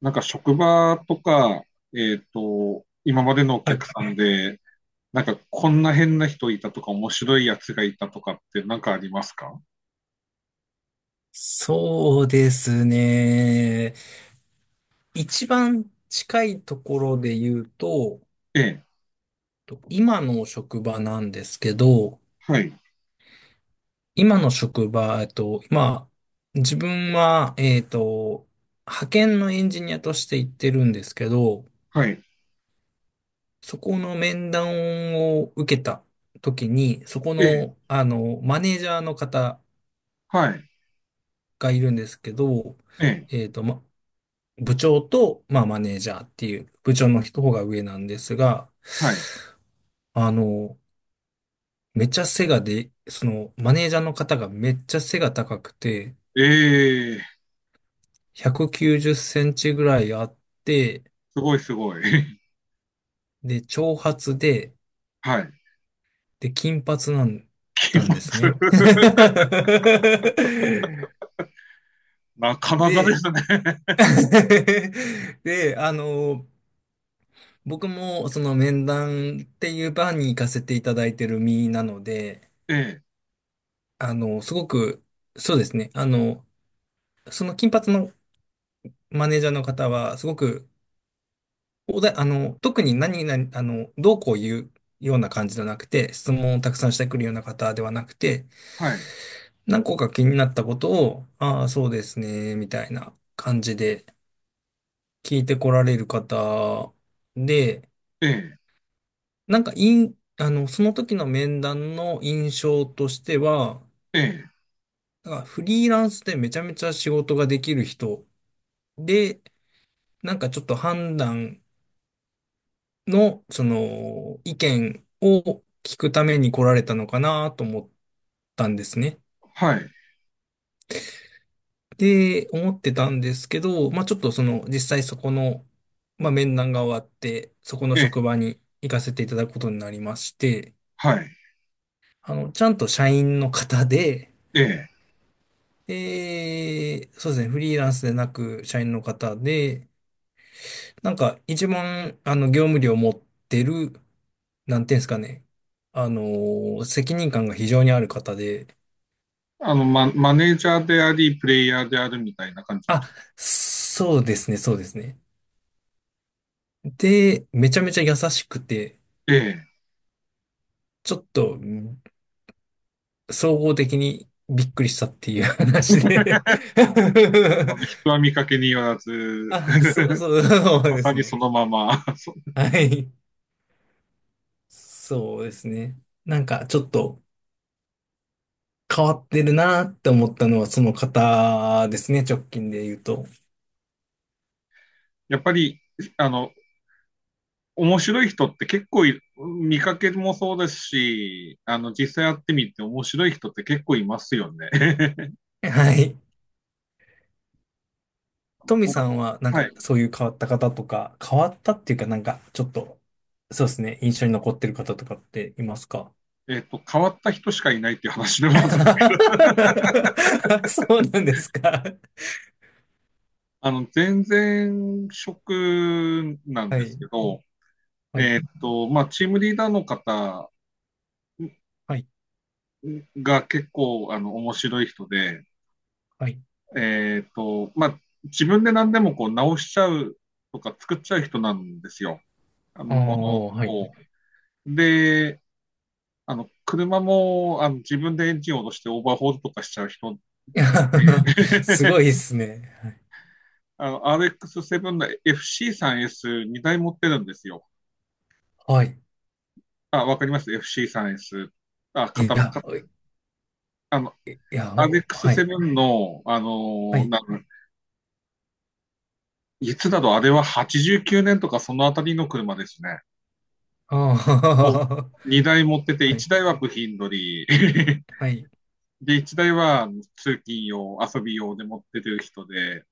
なんか職場とか、今までのおはい、客さんで、なんかこんな変な人いたとか、面白いやつがいたとかってなんかありますか？そうですね。一番近いところで言うと、ええ、今の職場なんですけど、はい、今の職場、まあ、自分は、派遣のエンジニアとして行ってるんですけど、はい、そこの面談を受けた時に、そこええ、の、マネージャーの方はい、がいるんですけど、ええ、えっと、ま部長と、まあ、マネージャーっていう部長の人が上なんですが、はい。あの、めっちゃ背がで、その、マネージャーの方がめっちゃ背が高くて、ええ、190センチぐらいあって、すごいすごい。で、長髪で、はい、金髪なん金だんですね。髪。なかなかですで、ね。で、僕もその面談っていう場に行かせていただいてる身なので、ええ、すごく、そうですね。その金髪のマネージャーの方は、すごく、おだ、あの、特に何々、どうこう言うような感じじゃなくて、質問をたくさんしてくるような方ではなくて、はい、何個か気になったことを、ああ、そうですね、みたいな感じで聞いてこられる方で、ええ、なんか、いん、あの、その時の面談の印象としては、ええ、なんかフリーランスでめちゃめちゃ仕事ができる人で、なんかちょっと判断の、意見を聞くために来られたのかなと思ったんですね。はい、で、思ってたんですけど、まあちょっと実際そこの、まあ面談が終わって、そこのええ、職場に行かせていただくことになりまして、はい、ちゃんと社員の方で、ええ。で、そうですね、フリーランスでなく社員の方で、なんか、一番、業務量を持ってる、なんていうんですかね。あの責任感が非常にある方で、マネージャーであり、プレイヤーであるみたいな感じのあ、人。そうですね、そうですね。で、めちゃめちゃ優しくて、ええ、ちょっと、総合的にびっくりしたっていう話で。 人は見かけによら ず。 あ、そう、そ う、そうまでさすにそね。のまま。はい。そうですね。なんか、ちょっと変わってるなって思ったのは、その方ですね、直近で言うと。やっぱり、あの、面白い人って結構見かけもそうですし、実際やってみて面白い人って結構いますよね。はい。あトのミこさうんは、なんはか、い。そういう変わった方とか、変わったっていうか、なんか、ちょっと、そうですね、印象に残ってる方とかっていますか？ 変わった人しかいないっていう話でもあるん で、そうなんですか。全然職なんはですい、けど、はい、まあ、チームリーダーの方はい、が結構、面白い人で、はい。まあ、自分で何でもこう直しちゃうとか作っちゃう人なんですよ。あのああ、ものはい。を。で、車も自分でエンジンを落としてオーバーホールとかしちゃう人。すごいで すね。RX7 の FC3S2 台持ってるんですよ。はい。あ、わかります？ FC3S。あ、い型ば、や、かあの、いや、おはい、RX7 の、はい。いつだろう、あれは89年とかそのあたりの車ですね。ああ、を2台持ってて、はい、1台は部品取り、はい。で、1台は通勤用、遊び用で持ってる人で、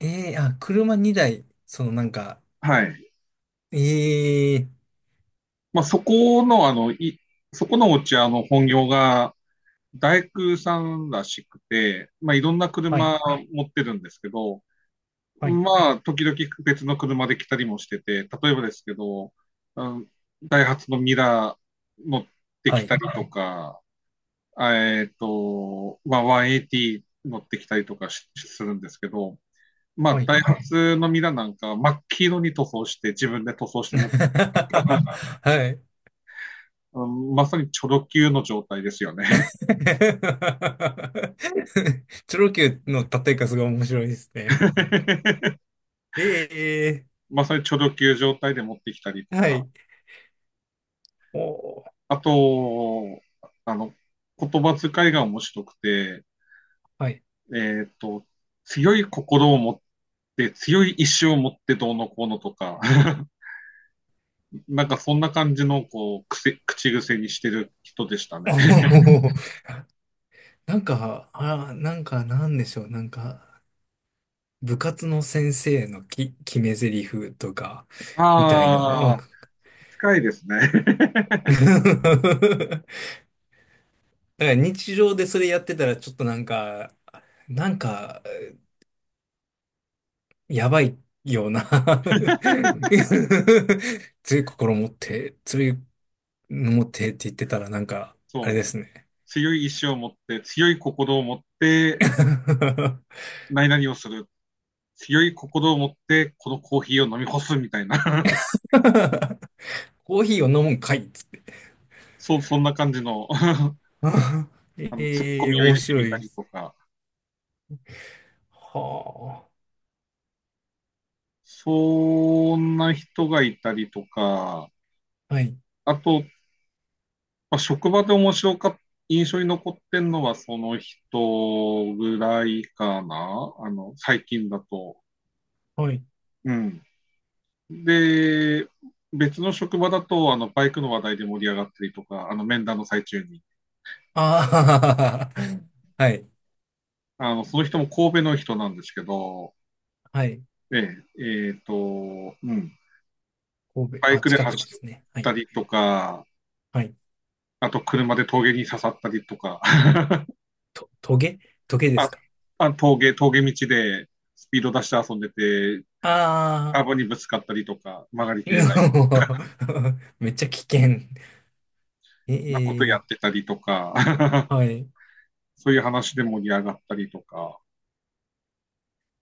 ええあ、車2台、なんか、はい。ええまあ、そこの、そこのお茶の本業が大工さんらしくて、まあ、いろんなはい、車持ってるんですけど、はい、まあ、時々別の車で来たりもしてて、例えばですけど、うん、ダイハツのミラー乗ってはきたい。りとか、まあ、180乗ってきたりとかするんですけど、まはあ、い。 ダイハツのミラなんか真っ黄色に塗装して自分で塗装して持って、はい。うん。まさにチョロ Q の状態ですよ ね。チョロ Q の立て数が面白いですね。えまさにチョロ Q 状態で持ってきたりとえはか、い。おー、あと、あの、言葉遣いが面白くて、はい。えっと、強い心を持って、で強い意志を持ってどうのこうのとか、なんかそんな感じのこう口癖にしてる人でした おね。ー、なんか、なんか、なんでしょう。なんか、部活の先生の決め台詞とか、みたいな。ああ。 あ、近いですね。だから日常でそれやってたら、ちょっとなんか、なんか、やばいような。 強い心持って、強いの持ってって言ってたらなんか、あれそでう。すね。 強い意志を持って、強い心を持って、何々をする。強い心を持って、このコーヒーを飲み干すみたいな。コーヒーを飲むんかいっつって。 そう、そんな感じの ツッコええミを入面れて白みいたでりす。とか。はそんな人がいたりとか。あ。はい。あと、まあ、職場で面白かった。印象に残ってんのはその人ぐらいかな、最近だと。はい。うん。で、別の職場だと、バイクの話題で盛り上がったりとか、面談の最中に。ああ。はい。その人も神戸の人なんですけど、はい。ええ、うん、神バ戸。イあ、クで近走くでっすね。はたい。りとか、はい。あと車で峠に刺さったりとか、トゲト ゲであ、すか？あ、峠道でスピード出して遊んでて、あカあーー。ブにぶつかったりとか、曲がりきれない めっちゃ危険。なことやええってたりとか、はい。そういう話で盛り上がったりとか、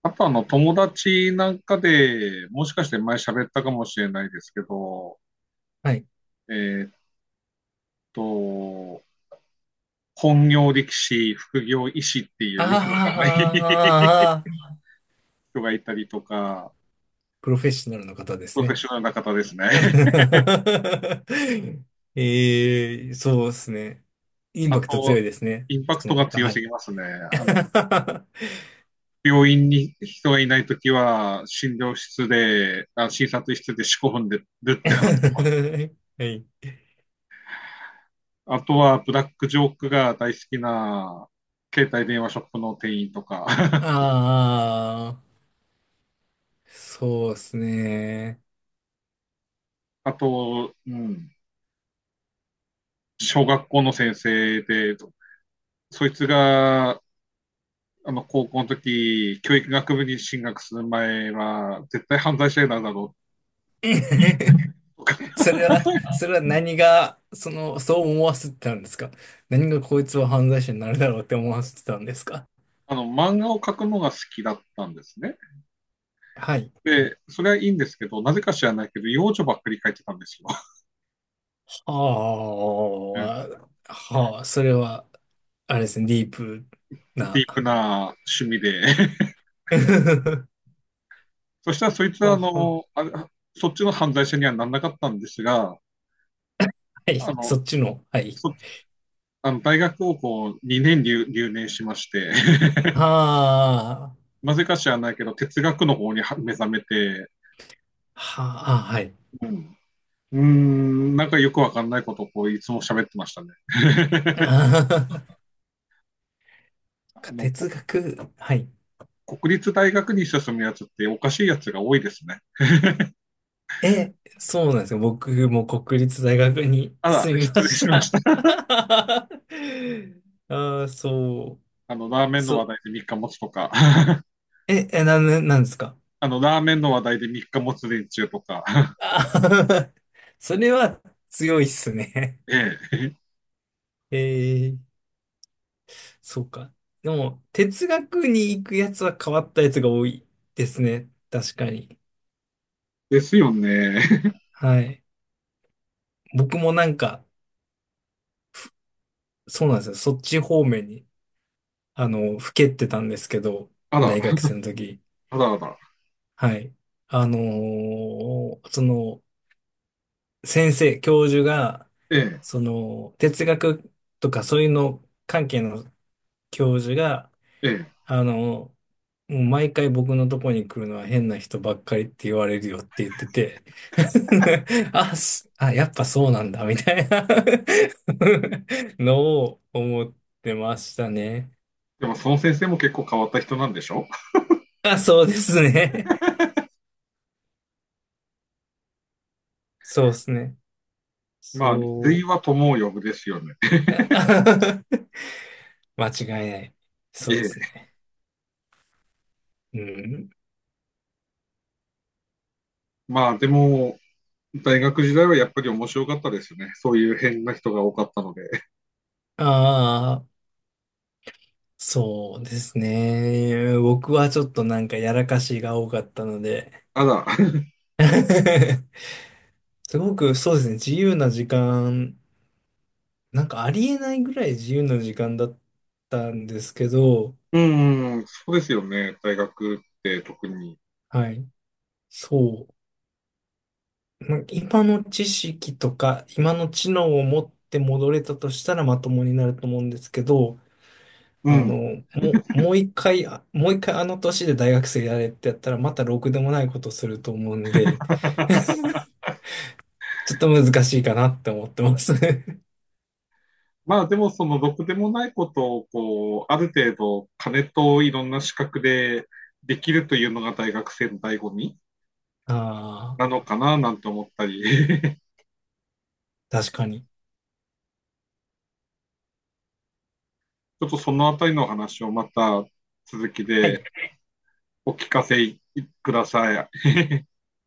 あと、友達なんかで、もしかして前喋ったかもしれないですけど、はい。えーっと、本業力士、副業医師っていあうよくわかんない 人あ、がいたりとか、プロフェッショナルの方でプすロフェッね。ショナルな方ですね。ええ、そうですね。インあパクト強と、いですね。インパクそトのが方、強はすい。ぎますね。あの、病院に人がいないときは、診療室で、あ、診察室で四股踏んでるって話。はい。あとは、ブラックジョークが大好きな、携帯電話ショップの店員とか、ああ、そうですね。あと、うん。小学校の先生で、そいつが、高校の時、教育学部に進学する前は、絶対犯罪者になるだろ うとか、 それは、それは、何が、そう思わせてたんですか？何がこいつは犯罪者になるだろうって思わせてたんですか？漫画を描くのが好きだったんですね。はい。で、それはいいんですけど、なぜか知らないけど、幼女ばっかり描いてたんですよ。 ああ、はあ、それは、あれですね、ディープディな。ープな趣味で。 そしたら、そいつは、はあは、の、あれ、そっちの犯罪者にはならなかったんですが、はい、あその、っちの、はい。そ、あの大学をこう2年留年しまして、 はあ、なぜか知らないけど、哲学の方に目覚めて、はあ、はい。うん、うーん、なんかよくわかんないことをこういつも喋ってましたね。ああの、こ哲学、はい。国立大学に進むやつっておかしいやつが多いですね。え、そうなんですよ。僕も国立大学にあら、住み失ま礼ししました。た。ああ、そ ラーメう、ンのそ話う。題で3日持つとか、ななんですか？ラーメンの話題で3日持つ連中とか、あーそれは強いっすね。ええ、えーそうか。でも、哲学に行くやつは変わったやつが多いですね。確かに。ですよね。はい。僕もなんか、そうなんですよ。そっち方面に、ふけってたんですけど、あら、大学生の時。あらあら、はい。あのーその、先生、教授が、えその、哲学とかそういうの関係の教授が、え、ええ。あの、もう毎回僕のとこに来るのは変な人ばっかりって言われるよって言ってて、あ、やっぱそうなんだ、みたいな。 のを思ってましたね。でも、その先生も結構変わった人なんでしょ？ あ、そうですね。そうですね。まあ、類そう。は友を呼ぶですよね。いや。 間違いない。そえうでえ。すね。うん。まあ、でも、大学時代はやっぱり面白かったですよね。そういう変な人が多かったので。ああ、そうですね。僕はちょっとなんかやらかしが多かったので。 ただ、すごくそうですね、自由な時間、なんかありえないぐらい自由な時間だったんですけど、うん、そうですよね。大学って特に。はい、そう。なんか今の知識とか、今の知能を持って戻れたとしたらまともになると思うんですけど、うあの、ん。ももう一回あの年で大学生やれってやったらまたろくでもないことすると思うんで、ちょっと難しいかなって思ってます。 まあでもそのろくでもないことをこう、ある程度金といろんな資格でできるというのが大学生の醍醐味ああ、なのかななんて思ったり、確かに。ちょっとそのあたりの話をまた続きはでい。お聞かせください。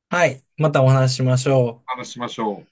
はい。またお話ししましょう。話しましょう。